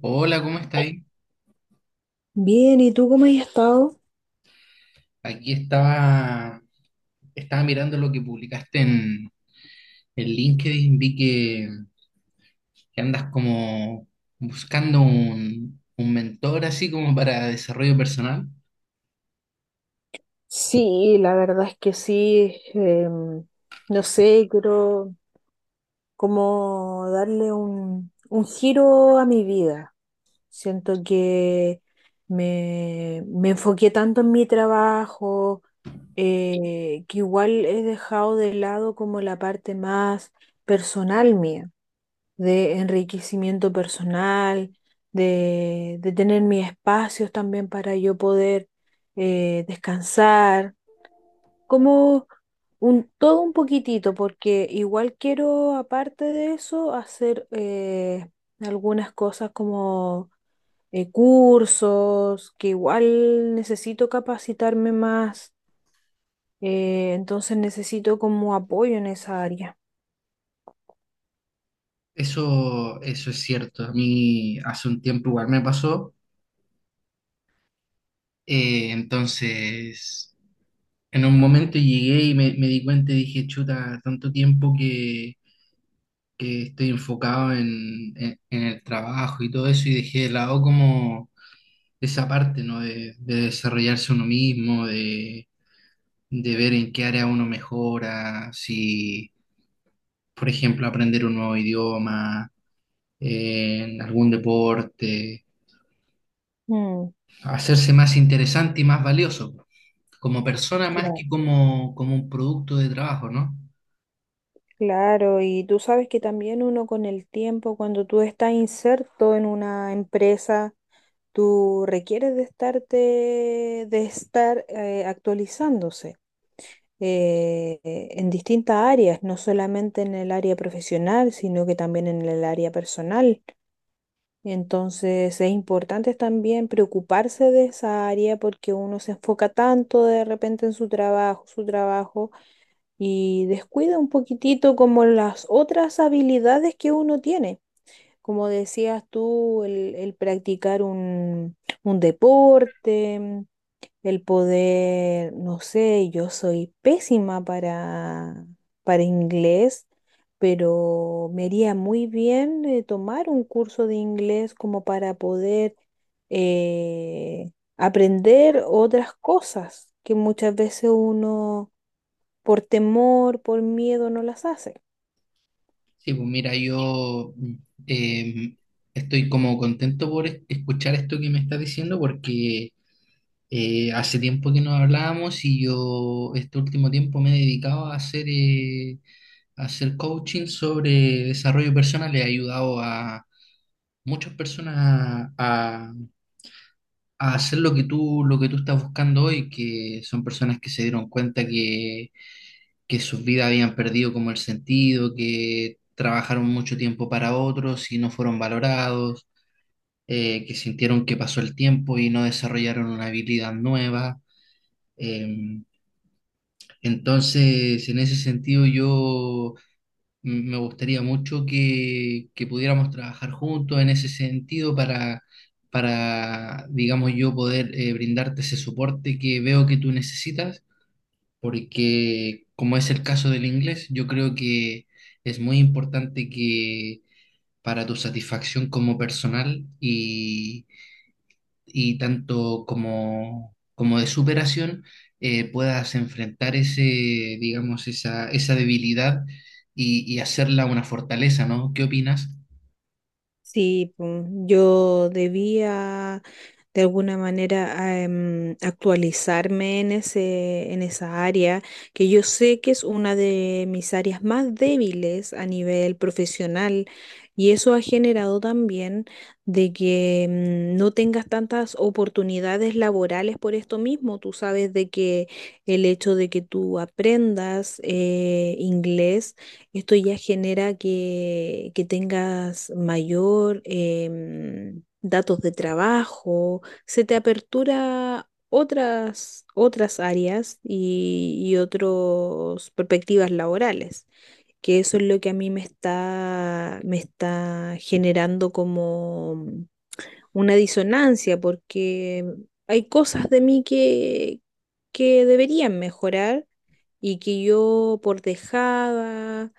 Hola, ¿cómo estáis? Bien, ¿y tú cómo has estado? Aquí estaba, estaba mirando lo que publicaste en LinkedIn, vi que andas como buscando un mentor así como para desarrollo personal. Sí, la verdad es que sí. No sé, quiero como darle un giro a mi vida. Siento que me enfoqué tanto en mi trabajo, que igual he dejado de lado como la parte más personal mía. De enriquecimiento personal, de tener mis espacios también para yo poder descansar, como un, todo un poquitito, porque igual quiero, aparte de eso, hacer algunas cosas como cursos, que igual necesito capacitarme más, entonces necesito como apoyo en esa área. Eso es cierto, a mí hace un tiempo igual me pasó. Entonces en un momento llegué y me di cuenta y dije, chuta, tanto tiempo que estoy enfocado en el trabajo y todo eso y dejé de lado como de esa parte, ¿no? De desarrollarse uno mismo, de ver en qué área uno mejora, si, por ejemplo, aprender un nuevo idioma, en algún deporte, Mm. hacerse más interesante y más valioso, como persona más que Claro. como, como un producto de trabajo, ¿no? Claro, y tú sabes que también uno con el tiempo, cuando tú estás inserto en una empresa, tú requieres de estarte, de estar actualizándose en distintas áreas, no solamente en el área profesional, sino que también en el área personal. Entonces es importante también preocuparse de esa área porque uno se enfoca tanto de repente en su trabajo y descuida un poquitito como las otras habilidades que uno tiene. Como decías tú, el practicar un deporte, el poder, no sé, yo soy pésima para inglés, pero me iría muy bien tomar un curso de inglés como para poder eh, aprender otras cosas que muchas veces uno por temor, por miedo, no las hace. Sí, pues mira, yo eh, estoy como contento por escuchar esto que me estás diciendo porque hace tiempo que no hablábamos y yo este último tiempo me he dedicado a hacer coaching sobre desarrollo personal. He ayudado a muchas personas a, a hacer lo que tú estás buscando hoy, que son personas que se dieron cuenta que sus vidas habían perdido como el sentido, que trabajaron mucho tiempo para otros y no fueron valorados, que sintieron que pasó el tiempo y no desarrollaron una habilidad nueva. Em, Entonces, en ese sentido, yo me gustaría mucho que pudiéramos trabajar juntos en ese sentido para digamos, yo poder brindarte ese soporte que veo que tú necesitas, porque como es el caso del inglés, yo creo que es muy importante que para tu satisfacción como personal y tanto como, como de superación puedas enfrentar ese, digamos, esa debilidad y hacerla una fortaleza, ¿no? ¿Qué opinas? Sí, pum, yo debía de alguna manera actualizarme en en esa área, que yo sé que es una de mis áreas más débiles a nivel profesional, y eso ha generado también de que no tengas tantas oportunidades laborales por esto mismo. Tú sabes de que el hecho de que tú aprendas inglés, esto ya genera que tengas mayor datos de trabajo, se te apertura otras áreas y otras perspectivas laborales, que eso es lo que a mí me está generando como una disonancia, porque hay cosas de mí que deberían mejorar y que yo por dejada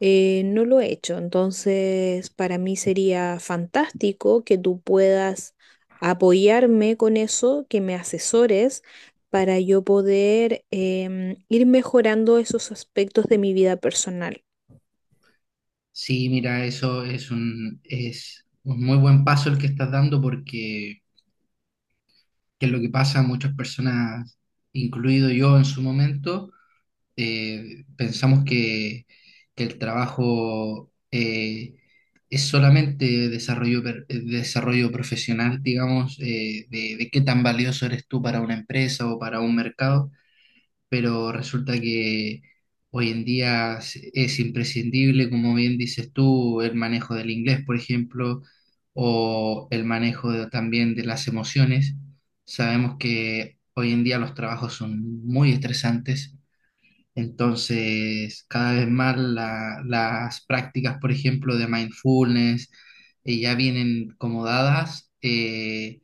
no lo he hecho, entonces para mí sería fantástico que tú puedas apoyarme con eso, que me asesores para yo poder ir mejorando esos aspectos de mi vida personal. Sí, mira, eso es un muy buen paso el que estás dando porque que es lo que pasa a muchas personas, incluido yo en su momento pensamos que el trabajo es solamente desarrollo, desarrollo profesional, digamos, de qué tan valioso eres tú para una empresa o para un mercado, pero resulta que hoy en día es imprescindible, como bien dices tú, el manejo del inglés, por ejemplo, o el manejo también de las emociones. Sabemos que hoy en día los trabajos son muy estresantes entonces, cada vez más las prácticas, por ejemplo, de mindfulness, ya vienen como dadas,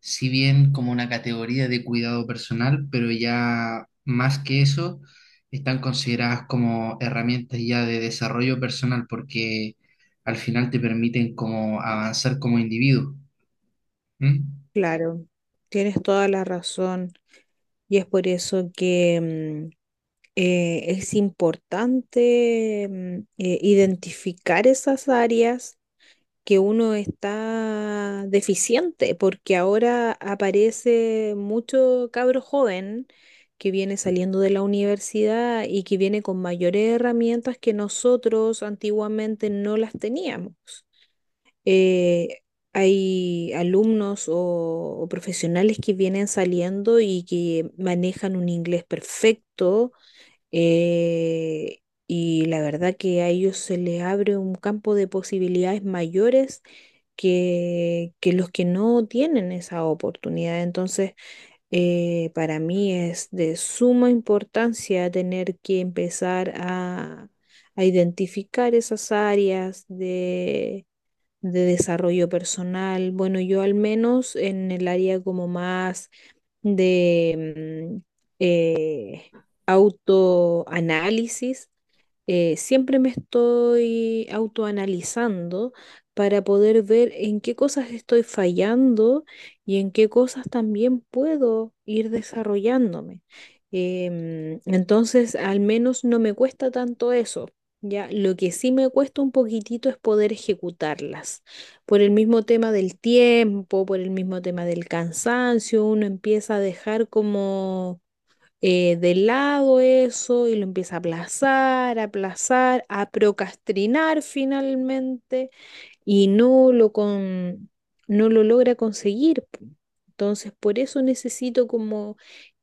si bien como una categoría de cuidado personal, pero ya más que eso, están consideradas como herramientas ya de desarrollo personal porque al final te permiten como avanzar como individuo. ¿M? Claro, tienes toda la razón y es por eso que es importante identificar esas áreas que uno está deficiente, porque ahora aparece mucho cabro joven que viene saliendo de la universidad y que viene con mayores herramientas que nosotros antiguamente no las teníamos. Eh, Hay alumnos o profesionales que vienen saliendo y que manejan un inglés perfecto. eh, y la verdad que a ellos se les abre un campo de posibilidades mayores que los que no tienen esa oportunidad. Entonces, para mí es de suma importancia tener que empezar a identificar esas áreas de desarrollo personal. Bueno, yo al menos en el área como más de... eh, autoanálisis, siempre me estoy autoanalizando para poder ver en qué cosas estoy fallando y en qué cosas también puedo ir desarrollándome. Entonces, al menos no me cuesta tanto eso. Ya, lo que sí me cuesta un poquitito es poder ejecutarlas. Por el mismo tema del tiempo, por el mismo tema del cansancio, uno empieza a dejar como de lado eso y lo empieza a aplazar, a aplazar, a procrastinar finalmente y no lo logra conseguir. Entonces, por eso necesito como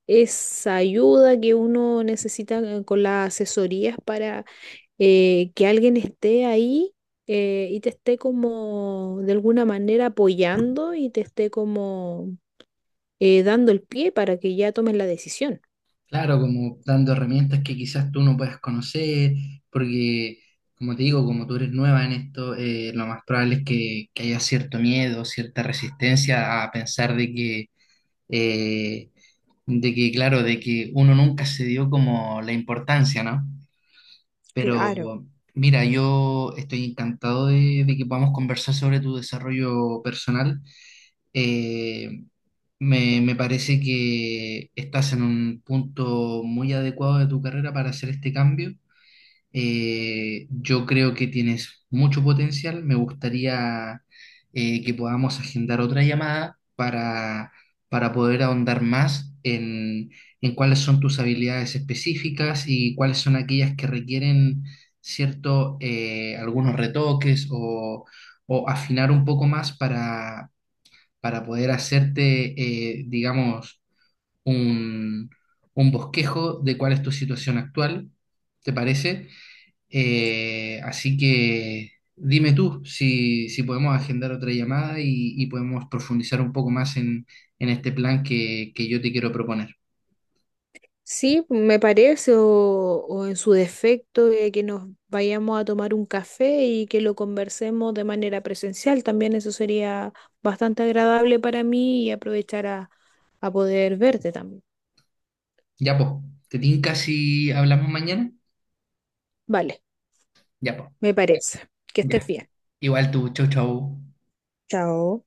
esa ayuda que uno necesita con las asesorías para que alguien esté ahí y te esté como de alguna manera apoyando y te esté como dando el pie para que ya tomes la decisión. Claro, como dando herramientas que quizás tú no puedas conocer, porque como te digo, como tú eres nueva en esto, lo más probable es que haya cierto miedo, cierta resistencia a pensar eh, de que, claro, de que uno nunca se dio como la importancia, ¿no? Pero Claro. mira, yo estoy encantado de que podamos conversar sobre tu desarrollo personal. Eh, me parece que estás en un punto muy adecuado de tu carrera para hacer este cambio. Yo creo que tienes mucho potencial. Me gustaría que podamos agendar otra llamada para poder ahondar más en cuáles son tus habilidades específicas y cuáles son aquellas que requieren cierto, algunos retoques o afinar un poco más para poder hacerte, digamos, un, un bosquejo de cuál es tu situación actual, ¿te parece? Así que dime tú si, si podemos agendar otra llamada y podemos profundizar un poco más en este plan que yo te quiero proponer. Sí, me parece, o en su defecto, que nos vayamos a tomar un café y que lo conversemos de manera presencial. También eso sería bastante agradable para mí y aprovechar a poder verte también. Ya, po, ¿te tinca si hablamos mañana? Vale, Ya, po, me parece. Que estés ya. bien. Igual tú, chau, chau. Chao.